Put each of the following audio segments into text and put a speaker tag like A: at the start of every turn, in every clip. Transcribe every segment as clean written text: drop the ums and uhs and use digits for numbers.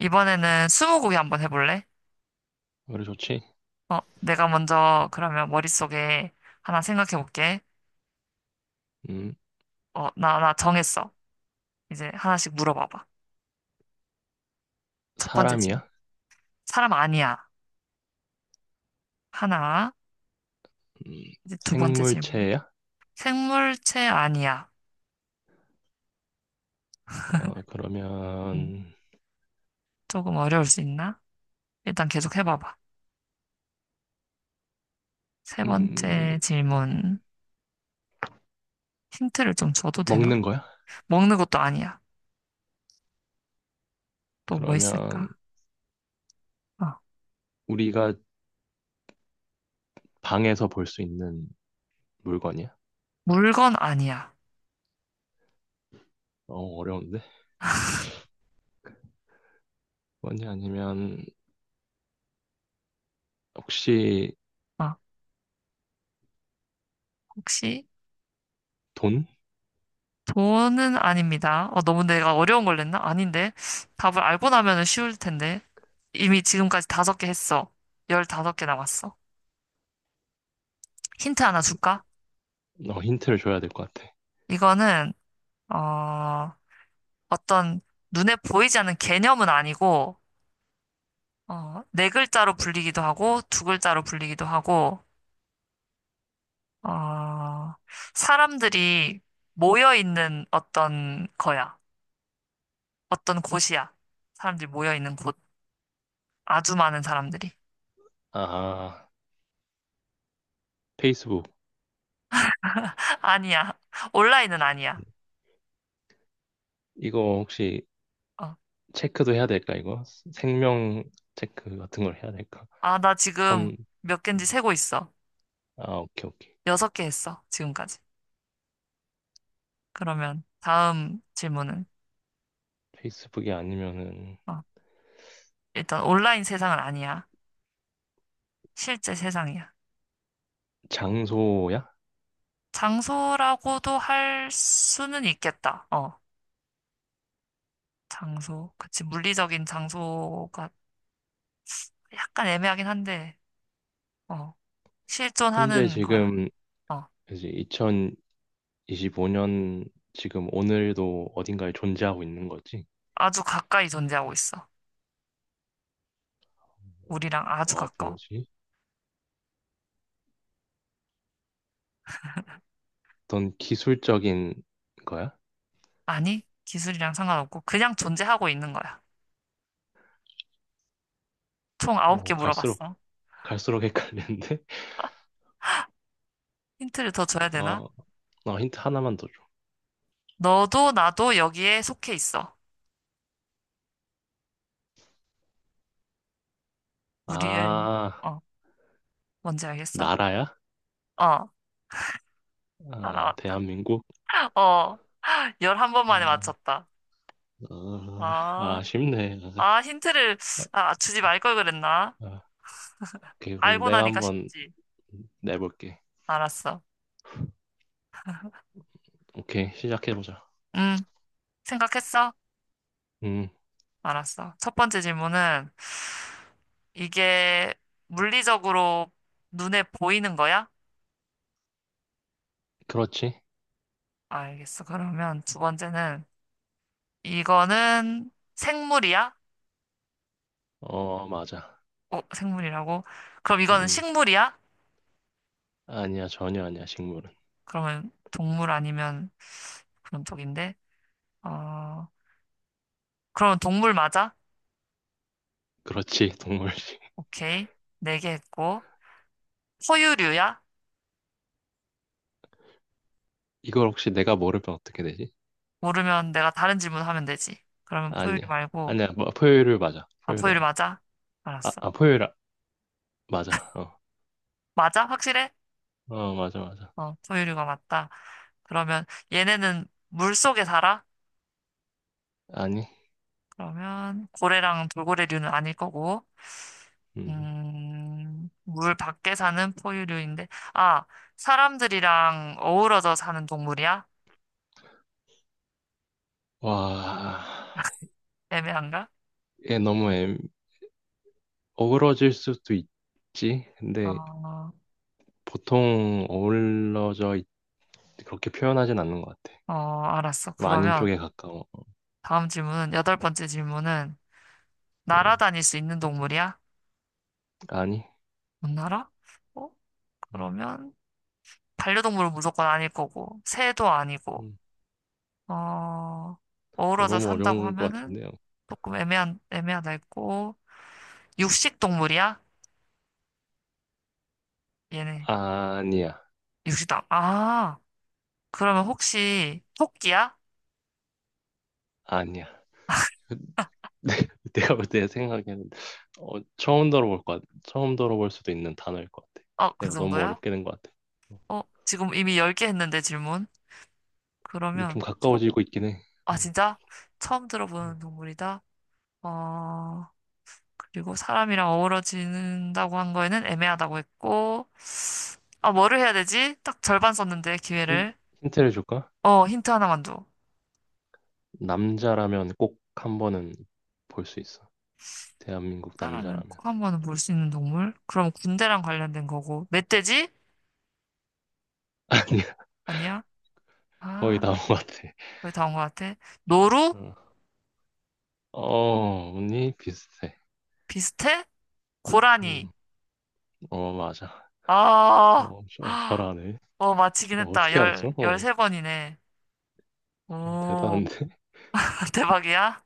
A: 이번에는 스무고개 한번 해볼래?
B: 그래 좋지.
A: 내가 먼저 그러면 머릿속에 하나 생각해 볼게.
B: 음,
A: 나 정했어. 이제 하나씩 물어봐봐. 첫 번째 질문.
B: 사람이야?
A: 사람 아니야. 하나.
B: 음,
A: 이제 두 번째 질문.
B: 생물체야?
A: 생물체 아니야.
B: 어,
A: 음,
B: 그러면
A: 조금 어려울 수 있나? 일단 계속 해봐봐. 세 번째
B: 음,
A: 질문. 힌트를 좀 줘도 되나?
B: 먹는 거야?
A: 먹는 것도 아니야. 또 뭐
B: 그러면
A: 있을까? 어,
B: 우리가 방에서 볼 수 있는 물건이야?
A: 물건 아니야.
B: 어려운데. 뭐지? 아니면 혹시
A: 어, 혹시
B: 돈?
A: 돈은 아닙니다. 너무 내가 어려운 걸 냈나? 아닌데. 답을 알고 나면은 쉬울 텐데. 이미 지금까지 다섯 개 했어. 15개 남았어. 힌트 하나
B: 음,
A: 줄까?
B: 힌트를 줘야 될 것 같아.
A: 이거는, 어, 어떤 눈에 보이지 않는 개념은 아니고, 네 글자로 불리기도 하고, 두 글자로 불리기도 하고, 어, 사람들이 모여 있는 어떤 거야. 어떤 곳이야. 사람들이 모여 있는 곳. 아주 많은 사람들이.
B: 아, 페이스북.
A: 아니야. 온라인은 아니야.
B: 이거 혹시
A: 어.
B: 체크도 해야 될까, 이거? 생명 체크 같은 걸 해야 될까?
A: 아, 나 지금
B: 턴.
A: 몇 개인지 세고 있어.
B: 아, 오케이, 오케이.
A: 여섯 개 했어, 지금까지. 그러면 다음 질문은,
B: 페이스북이 아니면은
A: 어, 일단 온라인 세상은 아니야. 실제 세상이야.
B: 장소야?
A: 장소라고도 할 수는 있겠다. 장소. 그치, 물리적인 장소가 약간 애매하긴 한데, 어,
B: 현재
A: 실존하는 거야.
B: 지금
A: 어,
B: 이제 2025년 지금 오늘도 어딘가에 존재하고 있는 거지?
A: 아주 가까이 존재하고 있어. 우리랑 아주
B: 아,
A: 가까워.
B: 뭐지? 어떤 기술적인 거야?
A: 아니, 기술이랑 상관없고, 그냥 존재하고 있는 거야. 총
B: 어,
A: 9개
B: 갈수록
A: 물어봤어.
B: 갈수록 헷갈리는데?
A: 힌트를 더 줘야 되나?
B: 어, 힌트 하나만 더 줘.
A: 너도 나도 여기에 속해 있어. 우리의,
B: 아,
A: 어, 뭔지 알겠어?
B: 나라야?
A: 어, 다
B: 아,
A: 나왔다.
B: 대한민국?
A: 어, 11번 만에
B: 아,
A: 맞췄다.
B: 어,
A: 아,
B: 쉽네.
A: 아, 힌트를, 아, 주지 말걸 그랬나?
B: 아, 오케이, 그럼
A: 알고
B: 내가
A: 나니까
B: 한번
A: 쉽지.
B: 내볼게.
A: 알았어.
B: 오케이, 시작해보자.
A: 응, 생각했어?
B: 음,
A: 알았어. 첫 번째 질문은, 이게 물리적으로 눈에 보이는 거야?
B: 그렇지.
A: 알겠어. 그러면 두 번째는, 이거는 생물이야?
B: 어, 맞아.
A: 어, 생물이라고? 그럼 이거는
B: 음,
A: 식물이야?
B: 아니야, 전혀 아니야, 식물은.
A: 그러면 동물 아니면 그런 쪽인데. 어, 그러면 동물 맞아?
B: 그렇지, 동물식.
A: 오케이. 네 개 했고. 포유류야?
B: 이걸 혹시 내가 모르면 어떻게 되지?
A: 모르면 내가 다른 질문 하면 되지. 그러면 포유류
B: 아니야.
A: 말고.
B: 아니야, 뭐, 포유류 맞아.
A: 아,
B: 포유류
A: 포유류
B: 맞아.
A: 맞아?
B: 아,
A: 알았어.
B: 아, 포유류, 아- 맞아.
A: 맞아? 확실해?
B: 맞아, 맞아.
A: 어, 포유류가 맞다. 그러면 얘네는 물 속에 살아?
B: 아니,
A: 그러면 고래랑 돌고래류는 아닐 거고.
B: 음.
A: 물 밖에 사는 포유류인데, 아, 사람들이랑 어우러져 사는 동물이야?
B: 와,
A: 애매한가?
B: 얘 너무 애, 어우러질 수도 있지. 근데
A: 어,
B: 보통 어우러져, 있- 그렇게 표현하진 않는 것 같아.
A: 어, 알았어.
B: 뭐 아닌
A: 그러면
B: 쪽에 가까워.
A: 다음 질문은, 여덟 번째 질문은,
B: 음,
A: 날아다닐 수 있는 동물이야?
B: 아니.
A: 못 날아? 어,
B: 음,
A: 그러면, 반려동물은 무조건 아닐 거고, 새도 아니고,
B: 음.
A: 어,
B: 어,
A: 어우러져
B: 너무
A: 산다고
B: 어려운 것
A: 하면은,
B: 같은데요.
A: 조금 애매한, 애매하다 했고, 육식 동물이야? 얘네,
B: 아니야,
A: 육식당 아, 그러면 혹시 토끼야?
B: 아니야. 네, 내가 볼 때 생각에는 어, 처음 들어볼 것 같아. 처음 들어볼 수도 있는 단어일 것 같아.
A: 어, 그
B: 내가 너무
A: 정도야?
B: 어렵게 된 것 같아. 어,
A: 지금 이미 10개 했는데 질문.
B: 근데 좀
A: 그러면 토,
B: 가까워지고 있긴 해.
A: 아
B: 음,
A: 진짜? 처음
B: 음.
A: 들어보는 동물이다. 어, 그리고 사람이랑 어우러진다고 한 거에는 애매하다고 했고. 아, 뭐를 해야 되지? 딱 절반 썼는데
B: 힌,
A: 기회를.
B: 힌트를 줄까?
A: 힌트 하나만 줘.
B: 남자라면 꼭 한 번은 볼 수 있어. 대한민국
A: 사람은
B: 남자라면.
A: 꼭 한 번은 볼 수 있는 동물? 그럼 군대랑 관련된 거고. 멧돼지?
B: 아니야,
A: 아니야?
B: 거의
A: 아,
B: 다 온 것 같아.
A: 거의 다온 것 같아. 노루?
B: 어, 언니 비슷해.
A: 비슷해? 고라니.
B: 음, 어, 맞아.
A: 아.
B: 어,
A: 아,
B: 잘하네.
A: 마치긴
B: 어,
A: 했다.
B: 어떻게
A: 열,
B: 알았어?
A: 열세 번이네. 오,
B: 대단한데?
A: 대박이야?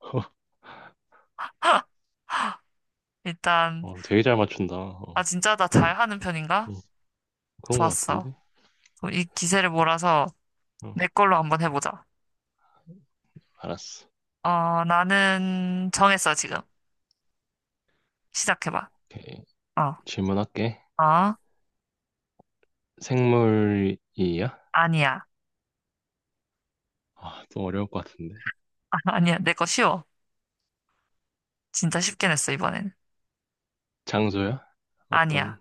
A: 일단,
B: 어, 되게 잘 맞춘다.
A: 아, 진짜 나 잘하는 편인가?
B: 어, 그런 것
A: 좋았어.
B: 같은데?
A: 그럼 이 기세를 몰아서
B: 어.
A: 내 걸로 한번 해보자.
B: 알았어.
A: 나는 정했어, 지금. 시작해봐.
B: 오케이.
A: 어,
B: 질문할게.
A: 어,
B: 생물이야?
A: 아니야.
B: 아, 또 어려울 것 같은데.
A: 아, 니야 내 거 쉬워. 진짜 쉽게 냈어, 이번엔.
B: 장소야? 어떤,
A: 아니야.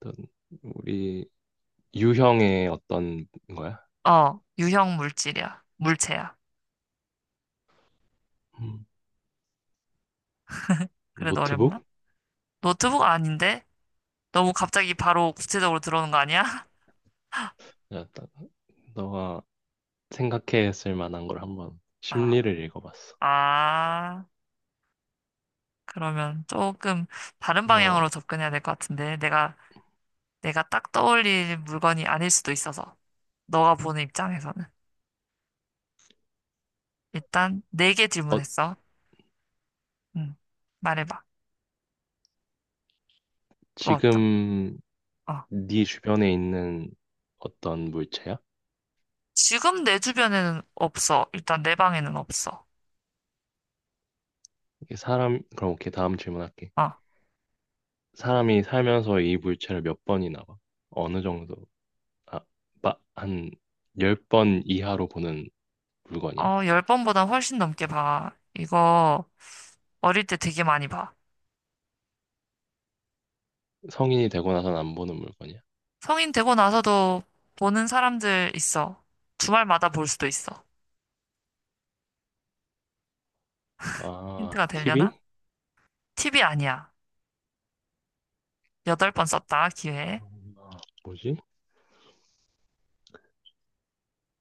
B: 어떤, 우리 유형의 어떤 거야?
A: 어, 유형 물질이야. 물체야.
B: 음,
A: 그래도 어렵나?
B: 노트북?
A: 노트북 아닌데? 너무 갑자기 바로 구체적으로 들어오는 거 아니야?
B: 야, 나- 너가 생각했을 만한 걸 한번 심리를 읽어봤어.
A: 아, 아. 그러면 조금 다른
B: 어,
A: 방향으로 접근해야 될 것 같은데, 내가 딱 떠올릴 물건이 아닐 수도 있어서, 너가 보는 입장에서는. 일단, 네 개
B: 어,
A: 질문했어. 응, 말해봐. 또 어떤,
B: 지금
A: 거? 어.
B: 네 주변에 있는 어떤 물체야?
A: 지금 내 주변에는 없어. 일단 내 방에는 없어.
B: 이게 사람, 그럼 오케이, 다음 질문할게.
A: 어,
B: 사람이 살면서 이 물체를 몇 번이나 봐? 어느 정도? 아, 한 10번 이하로 보는 물건이야?
A: 열 번보다 훨씬 넘게 봐. 이거 어릴 때 되게 많이 봐.
B: 성인이 되고 나선 안 보는 물건이야?
A: 성인 되고 나서도 보는 사람들 있어. 주말마다 볼 수도 있어.
B: 아,
A: 힌트가 되려나?
B: TV?
A: 티비 아니야. 여덟 번 썼다, 기회.
B: 아, 뭐지?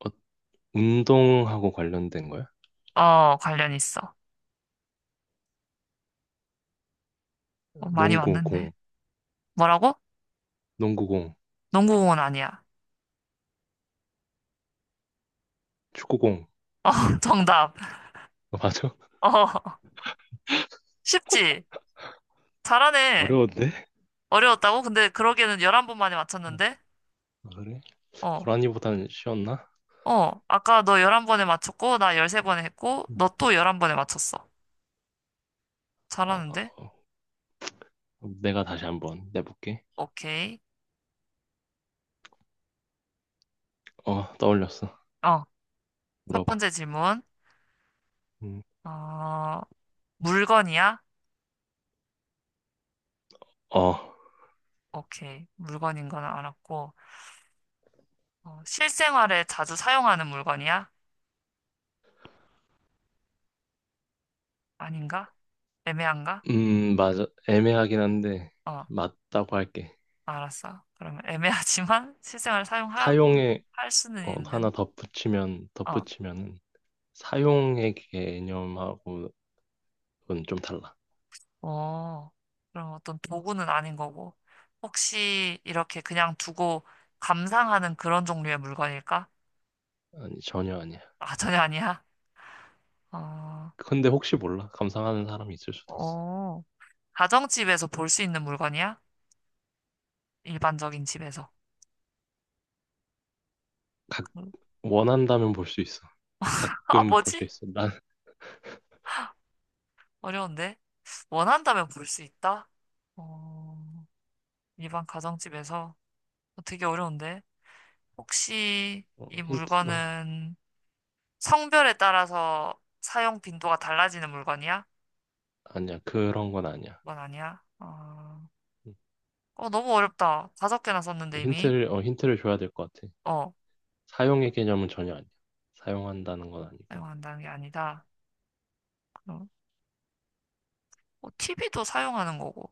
B: 어, 운동하고 관련된 거야?
A: 어, 관련 있어. 많이
B: 농구
A: 왔는데.
B: 공,
A: 뭐라고?
B: 농구 공,
A: 농구공원 아니야.
B: 축구 공.
A: 어, 정답.
B: 어, 맞아?
A: 어, 쉽지? 잘하네.
B: 어려운데?
A: 어려웠다고? 근데 그러기에는 11번 만에 맞췄는데?
B: 아, 그래?
A: 어,
B: 고라니보다는 쉬웠나?
A: 어. 아까 너 11번에 맞췄고, 나 13번에 했고,
B: 음.
A: 너 또 11번에 맞췄어.
B: 아,
A: 잘하는데?
B: 어, 내가 다시 한번 내볼게.
A: 오케이.
B: 어, 떠올렸어.
A: 어, 첫
B: 물어봐.
A: 번째 질문.
B: 음,
A: 어, 물건이야?
B: 어,
A: 오케이. 물건인 건 알았고, 실생활에 자주 사용하는 물건이야? 아닌가? 애매한가?
B: 맞아. 애매하긴 한데,
A: 어.
B: 맞다고 할게.
A: 알았어. 그러면 애매하지만 실생활 사용하고
B: 사용에
A: 할 수는 있는. 어,
B: 덧붙이면은 사용의 개념하고는 좀 달라.
A: 어. 그럼 어떤 도구는 아닌 거고. 혹시 이렇게 그냥 두고 감상하는 그런 종류의 물건일까?
B: 아니, 전혀 아니야.
A: 아, 전혀 아니야. 어,
B: 근데 혹시 몰라. 감상하는 사람이 있을 수도 있어.
A: 어. 가정집에서 볼 수 있는 물건이야? 일반적인 집에서. 음.
B: 원한다면 볼 수 있어.
A: 아,
B: 가끔 볼
A: 뭐지?
B: 수 있어. 난,
A: 어려운데. 원한다면 볼 수 있다? 어, 일반 가정집에서. 되게 어려운데. 혹시
B: 어,
A: 이
B: 힌트, 어,
A: 물건은 성별에 따라서 사용 빈도가 달라지는 물건이야?
B: 아니야. 그런 건 아니야.
A: 그건 아니야. 어, 어, 너무 어렵다. 다섯 개나 썼는데 이미.
B: 힌트를 줘야 될 것 같아.
A: 어,
B: 사용의 개념은 전혀 아니야. 사용한다는 건 아니고.
A: 사용한다는 게 아니다. 그럼 TV도 사용하는 거고.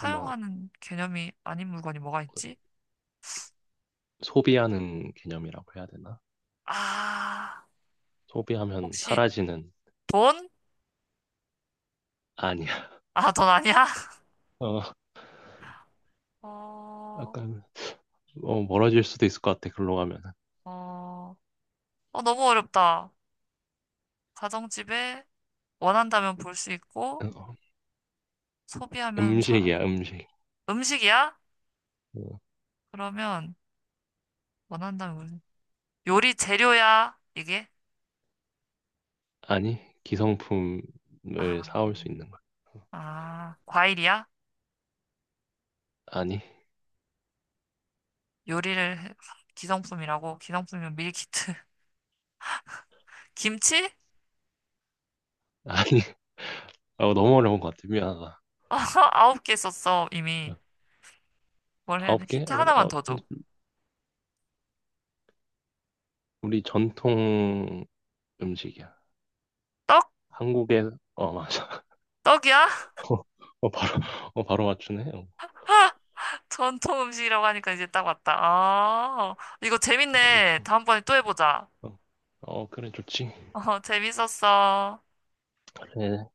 B: 아마
A: 개념이 아닌 물건이 뭐가 있지?
B: 소비하는 개념이라고 해야 되나?
A: 아,
B: 소비하면
A: 혹시
B: 사라지는,
A: 돈?
B: 아니야.
A: 아, 돈 아니야?
B: 어,
A: 어,
B: 약간, 멀어질 수도 있을 것 같아. 글로 가면.
A: 어, 어, 너무 어렵다. 가정집에 원한다면 볼 수 있고,
B: 어,
A: 소비하면 사라.
B: 음식이야, 음식.
A: 음식이야?
B: 어,
A: 그러면 원한다면 물- 요리 재료야, 이게?
B: 아니, 기성품을
A: 아,
B: 사올 수 있는 거야.
A: 아, 과일이야?
B: 아니,
A: 요리를, 해- 기성품이라고? 기성품이면 밀키트. 김치?
B: 아니, 어, 너무 어려운 것 같아. 미안하다.
A: 아홉 개 썼어,
B: 어,
A: 이미. 뭘 해야 돼?
B: 아홉 개?
A: 힌트
B: 어, 근데
A: 하나만
B: 어,
A: 더 줘.
B: 우리 전통 음식이야.
A: 떡?
B: 한국에, 어, 맞아.
A: 떡이야?
B: 어, 바로, 바로 맞추네.
A: 전통 음식이라고 하니까 이제 딱 왔다. 아, 이거
B: 어, 어
A: 재밌네. 다음번에 또 해보자.
B: 어, 그래, 좋지.
A: 어, 재밌었어.
B: 그래,